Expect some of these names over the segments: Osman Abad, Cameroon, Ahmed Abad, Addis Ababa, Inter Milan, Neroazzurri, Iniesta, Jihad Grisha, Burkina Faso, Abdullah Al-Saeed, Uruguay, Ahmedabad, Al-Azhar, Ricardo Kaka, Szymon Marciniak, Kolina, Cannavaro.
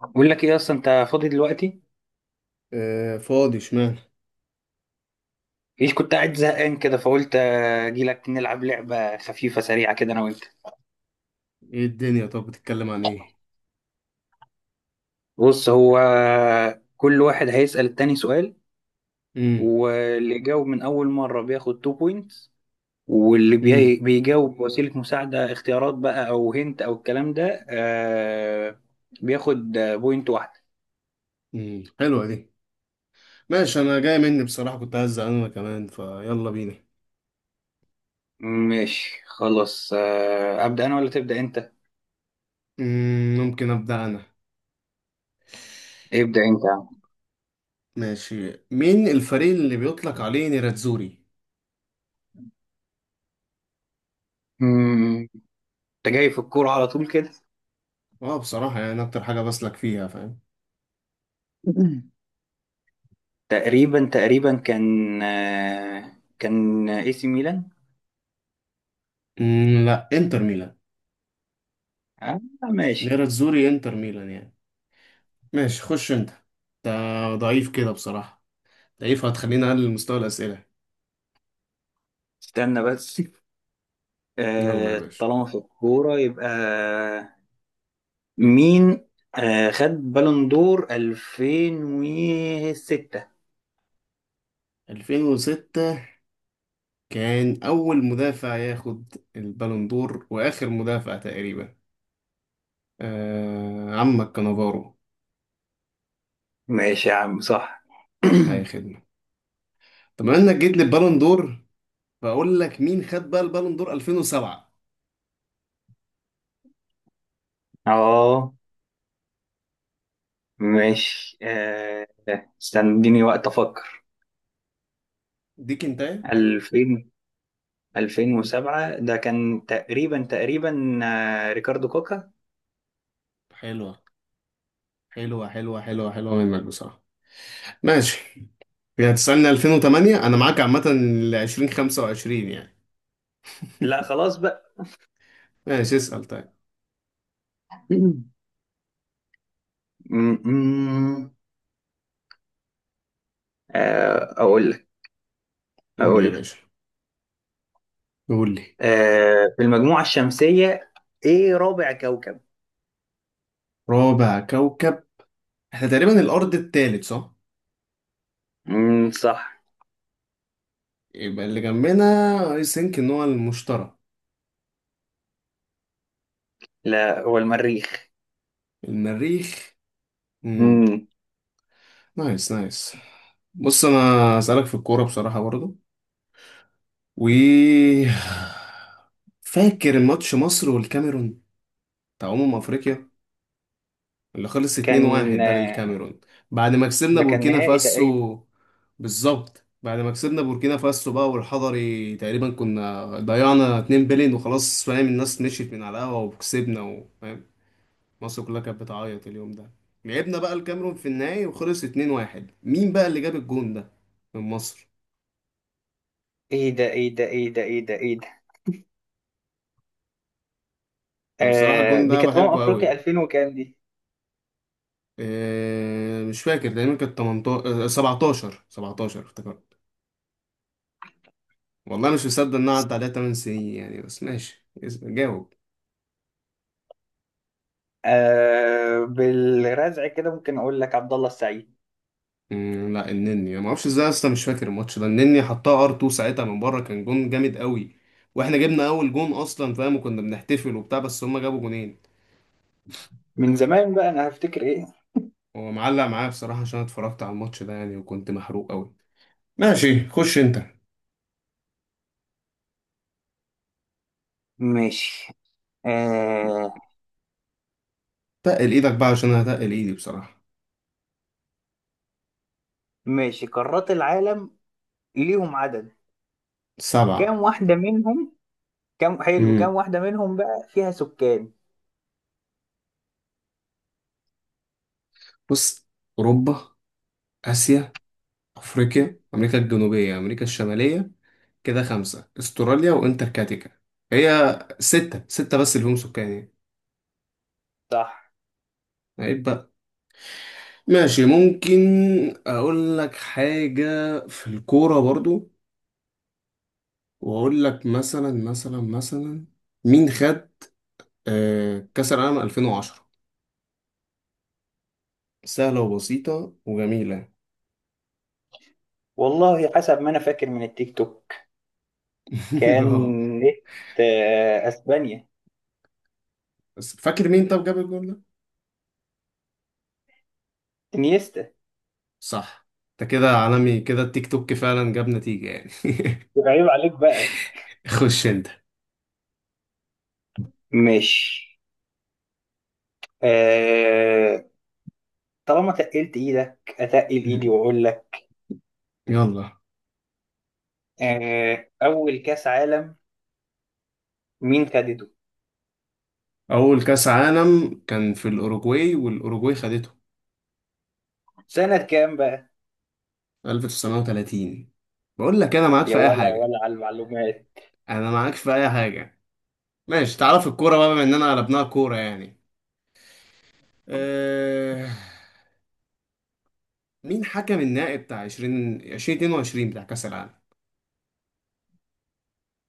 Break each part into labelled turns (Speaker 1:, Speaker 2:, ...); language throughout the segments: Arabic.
Speaker 1: بقول لك ايه اصلا انت فاضي دلوقتي؟
Speaker 2: آه، فاضي اشمعنى.
Speaker 1: ايش كنت قاعد زهقان كده، فقلت اجي لك نلعب لعبه خفيفه سريعه كده انا وانت.
Speaker 2: ايه الدنيا؟ طب بتتكلم عن ايه؟
Speaker 1: بص كل واحد هيسأل التاني سؤال.
Speaker 2: امم
Speaker 1: واللي يجاوب من اول مره بياخد 2 بوينتس، واللي
Speaker 2: امم
Speaker 1: بيجاوب بوسيله مساعده، اختيارات بقى او هنت او الكلام ده، بياخد بوينت واحده.
Speaker 2: حلوه دي. ماشي، انا جاي مني بصراحه، كنت عايز زعلان انا كمان فيلا بينا.
Speaker 1: ماشي خلاص، ابدا انا ولا تبدا انت؟
Speaker 2: ممكن ابدا انا.
Speaker 1: ابدا انت يا عم.
Speaker 2: ماشي، مين الفريق اللي بيطلق عليه نيراتزوري؟
Speaker 1: مم، انت جاي في الكوره على طول كده؟
Speaker 2: اه بصراحه يعني اكتر حاجه بسلك فيها، فاهم.
Speaker 1: تقريبا تقريبا كان اي سي ميلان.
Speaker 2: لا، انتر ميلان.
Speaker 1: آه ماشي.
Speaker 2: نيراتزوري انتر ميلان يعني. ماشي، خش انت. ده ضعيف كده بصراحه. ضعيف، هتخليني اقلل مستوى الاسئله.
Speaker 1: استنى بس،
Speaker 2: يلا يا
Speaker 1: آه
Speaker 2: باشا.
Speaker 1: طالما في الكورة، يبقى مين؟ آه، خد بالون دور 2006؟
Speaker 2: 2006. كان أول مدافع ياخد البالون دور وآخر مدافع تقريبا. آه، عمك كانافارو.
Speaker 1: ماشي يا عم صح.
Speaker 2: أي خدمة. طب بما إنك جيت للبالون دور، بقول لك مين خد بقى البالون دور 2007؟
Speaker 1: اه ماشي آه. استنى اديني وقت افكر.
Speaker 2: دي كنتاية.
Speaker 1: 2000 2007 ده كان تقريبا تقريبا آه ريكاردو كوكا.
Speaker 2: حلوة، حلوة حلوة حلوة حلوة منك بصراحة. ماشي. يعني تسألني 2008 أنا معاك عامة، ل 2025 يعني.
Speaker 1: لا خلاص بقى.
Speaker 2: ماشي، اسأل طيب.
Speaker 1: م- م- أقول لك.
Speaker 2: قول لي يا
Speaker 1: أقول لك.
Speaker 2: باشا. قول لي.
Speaker 1: آه، في المجموعة الشمسية، إيه رابع كوكب؟
Speaker 2: رابع كوكب. احنا تقريبا الأرض التالت، صح؟
Speaker 1: مم، صح.
Speaker 2: يبقى اللي جنبنا. اي ثينك ان هو المشتري.
Speaker 1: لا هو المريخ.
Speaker 2: المريخ. امم
Speaker 1: مم.
Speaker 2: نايس نايس. بص، انا اسالك في الكوره بصراحه برضو. و فاكر ماتش مصر والكاميرون، بتاع افريقيا اللي خلص
Speaker 1: كان
Speaker 2: 2-1 ده
Speaker 1: آه،
Speaker 2: للكاميرون، بعد ما كسبنا
Speaker 1: ده كان
Speaker 2: بوركينا
Speaker 1: نهائي تقريبا.
Speaker 2: فاسو. بالظبط، بعد ما كسبنا بوركينا فاسو بقى، والحضري تقريبا كنا ضيعنا 2 بلين وخلاص، فاهم، الناس مشيت من على القهوه وكسبنا، وفاهم، مصر كلها كانت بتعيط اليوم ده. لعبنا بقى الكاميرون في النهائي وخلص 2-1. مين بقى اللي جاب الجون ده من مصر؟
Speaker 1: إيه ده إيه ده إيه ده إيه ده إيه ده.
Speaker 2: انا بصراحة
Speaker 1: آه،
Speaker 2: الجون
Speaker 1: دي
Speaker 2: ده
Speaker 1: كانت أمم
Speaker 2: بحبه قوي
Speaker 1: أفريقيا
Speaker 2: يعني.
Speaker 1: 2000 وكام دي؟
Speaker 2: إيه، مش فاكر، تقريبا كانت 18 17 17 افتكرت. والله مش مصدق ان أنا عدى عليها 8 سنين يعني. بس ماشي، جاوب.
Speaker 1: آه، بالرزع كده ممكن أقول لك عبد الله السعيد.
Speaker 2: مم، لا، النني. انا ما اعرفش ازاي اصلا، مش فاكر الماتش ده. النني حطها ار 2 ساعتها من بره، كان جون جامد قوي. واحنا جبنا اول جون اصلا فاهم، وكنا بنحتفل وبتاع، بس هما جابوا جونين.
Speaker 1: من زمان بقى، أنا هفتكر إيه؟
Speaker 2: هو معلق معايا بصراحة عشان اتفرجت على الماتش ده يعني، وكنت محروق قوي. ماشي، خش انت.
Speaker 1: ماشي آه.
Speaker 2: تقل ايدك بقى عشان انا هتقل ايدي بصراحة.
Speaker 1: ماشي، قارات العالم ليهم عدد. كام
Speaker 2: سبعة.
Speaker 1: واحدة منهم؟ كم حلو، كم
Speaker 2: امم
Speaker 1: واحدة منهم بقى فيها سكان؟
Speaker 2: بص، اوروبا، اسيا، افريقيا، امريكا الجنوبية، امريكا الشمالية، كده خمسة، استراليا وانتاركتيكا. هي ستة. ستة بس اللي هم سكان يعني.
Speaker 1: صح.
Speaker 2: عيب بقى. ماشي. ممكن اقول لك حاجة في الكورة برضو، واقول لك مثلا مثلا مثلا. مين خد كأس العالم 2010؟ سهلة وبسيطة وجميلة.
Speaker 1: والله حسب ما أنا فاكر من التيك توك، كان
Speaker 2: اه.
Speaker 1: نت آه، أسبانيا.
Speaker 2: بس فاكر مين طب جاب الجول ده؟
Speaker 1: انيستا.
Speaker 2: صح. انت كده عالمي كده، التيك توك فعلا جاب نتيجة يعني.
Speaker 1: يبقى عيب عليك بقى.
Speaker 2: خش انت.
Speaker 1: ماشي. آه... طالما تقلت إيدك، أتقل إيدي وأقول لك.
Speaker 2: يلا.
Speaker 1: أول كأس عالم مين خدته؟
Speaker 2: أول كأس عالم كان في الأوروجواي، والأوروجواي خدته
Speaker 1: سنة كام بقى؟
Speaker 2: 1930. بقول لك أنا معاك
Speaker 1: يا
Speaker 2: في أي
Speaker 1: ولا يا
Speaker 2: حاجة.
Speaker 1: ولا على المعلومات.
Speaker 2: أنا معاك في أي حاجة. ماشي، تعرف الكورة بقى بما إننا قلبناها كورة يعني. أه... مين حكم النهائي بتاع 20 2022 بتاع كأس العالم؟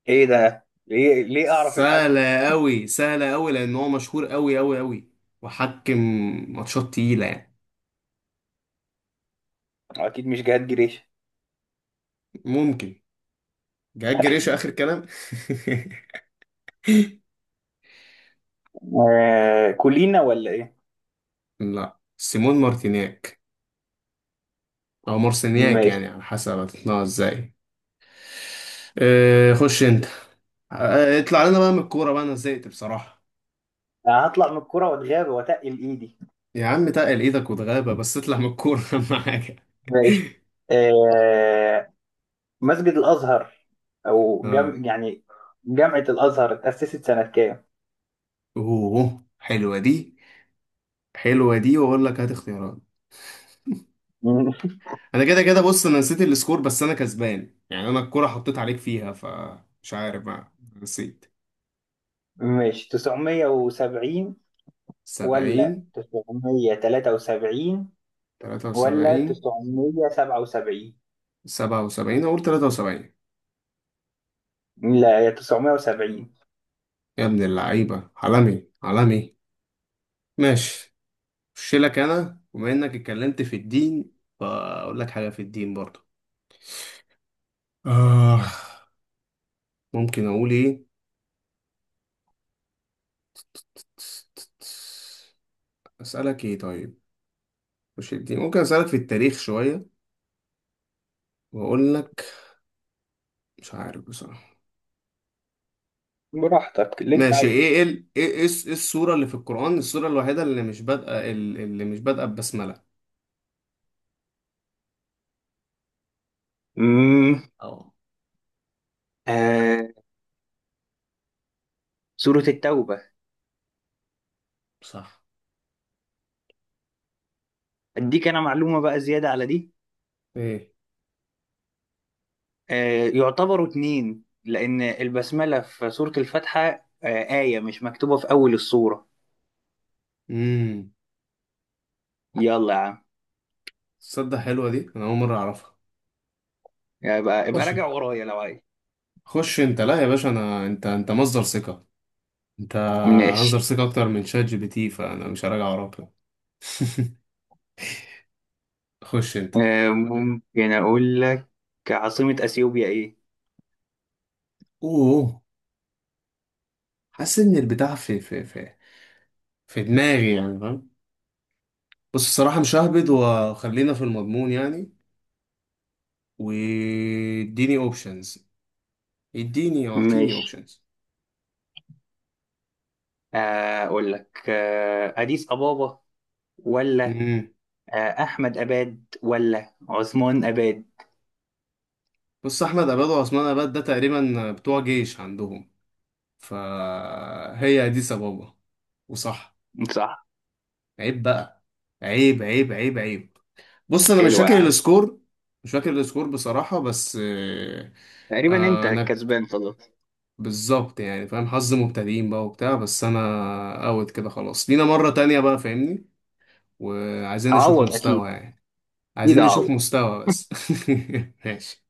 Speaker 1: إيه ده؟ ليه أعرف الحكم؟
Speaker 2: سهلة أوي، سهلة أوي، لأن هو مشهور أوي أوي أوي، وحكم ماتشات تقيلة يعني.
Speaker 1: أكيد مش جهاد جريشة.
Speaker 2: ممكن. جاك جريشة آخر كلام.
Speaker 1: كولينا ولا إيه؟
Speaker 2: لا، سيمون مارتينياك أو مارسينياك
Speaker 1: ماشي.
Speaker 2: يعني، على حسب هتتنقى ازاي. خش أنت. اطلع لنا بقى من الكورة بقى، أنا زهقت بصراحة.
Speaker 1: يعني هطلع من الكوره واتغاب واتقل ايدي.
Speaker 2: يا عم، تقل إيدك وتغابة بس اطلع من الكورة. أهم حاجة.
Speaker 1: ماشي. آه، مسجد الازهر،
Speaker 2: اه.
Speaker 1: يعني جامعه الازهر اتاسست سنه كام؟
Speaker 2: أوه، حلوة دي. حلوة دي، وأقول لك هات اختيارات. انا كده كده، بص، انا نسيت السكور بس انا كسبان يعني، انا الكرة حطيت عليك فيها فمش عارف بقى، نسيت.
Speaker 1: مش 970؟ ولا
Speaker 2: 70.
Speaker 1: 973؟ ولا
Speaker 2: 73.
Speaker 1: 977؟
Speaker 2: 77. اقول 73.
Speaker 1: لا هي 970.
Speaker 2: يا ابن اللعيبة، عالمي عالمي. ماشي. خش لك. انا بما انك اتكلمت في الدين، فاقول لك حاجة في الدين برضه. آه. ممكن اقول ايه؟ اسألك ايه طيب؟ مش الدين، ممكن اسألك في التاريخ شوية، واقول لك، مش عارف بصراحة.
Speaker 1: براحتك اللي انت
Speaker 2: ماشي. ايه
Speaker 1: عايزه.
Speaker 2: ايه ال... ايه ايه الس- إيه السورة اللي في القرآن، السورة الوحيدة اللي مش بادئة اللي مش بادئة ببسملة؟
Speaker 1: امم.
Speaker 2: اه.
Speaker 1: آه. سورة التوبة.
Speaker 2: صح.
Speaker 1: اديك انا معلومة بقى زيادة على دي.
Speaker 2: ايه.
Speaker 1: آه، يعتبروا اتنين، لأن البسملة في سورة الفاتحة آية مش مكتوبة في أول السورة.
Speaker 2: امم
Speaker 1: يلا يا عم.
Speaker 2: تصدق حلوة دي، انا اول مرة اعرفها.
Speaker 1: يبقى ابقى
Speaker 2: خش
Speaker 1: راجع ورايا لو عايز.
Speaker 2: خش انت. لا يا باشا، انا انت مصدر ثقة. انت مصدر
Speaker 1: ماشي.
Speaker 2: ثقة اكتر من شات جي بي تي، فانا مش هراجع وراك لا. خش انت.
Speaker 1: آه، ممكن أقول لك عاصمة أثيوبيا إيه؟
Speaker 2: اوه. حاسس ان البتاع في في دماغي يعني، فاهم. بص الصراحة، مش ههبد، وخلينا في المضمون يعني. واديني اوبشنز. يديني، يعطيني
Speaker 1: ماشي.
Speaker 2: اوبشنز.
Speaker 1: أقول لك أديس أبابا، ولا
Speaker 2: امم
Speaker 1: أحمد أباد ولا عثمان أباد؟
Speaker 2: بص، احمد اباد وعثمان اباد ده تقريبا بتوع جيش عندهم. فهي دي سبابة. وصح.
Speaker 1: صح.
Speaker 2: عيب بقى. عيب عيب عيب عيب. بص، انا مش
Speaker 1: حلو يا
Speaker 2: فاكر
Speaker 1: عم.
Speaker 2: السكور. مش فاكر السكور بصراحة بس
Speaker 1: تقريبا أنت
Speaker 2: انا
Speaker 1: كسبان خلاص.
Speaker 2: بالظبط يعني فاهم، حظ مبتدئين بقى وبتاع، بس انا اوت كده خلاص، لينا مرة تانية بقى فاهمني، وعايزين نشوف
Speaker 1: أعوض أكيد.
Speaker 2: مستوى يعني.
Speaker 1: أكيد
Speaker 2: عايزين نشوف
Speaker 1: أعوض.
Speaker 2: مستوى بس. ماشي.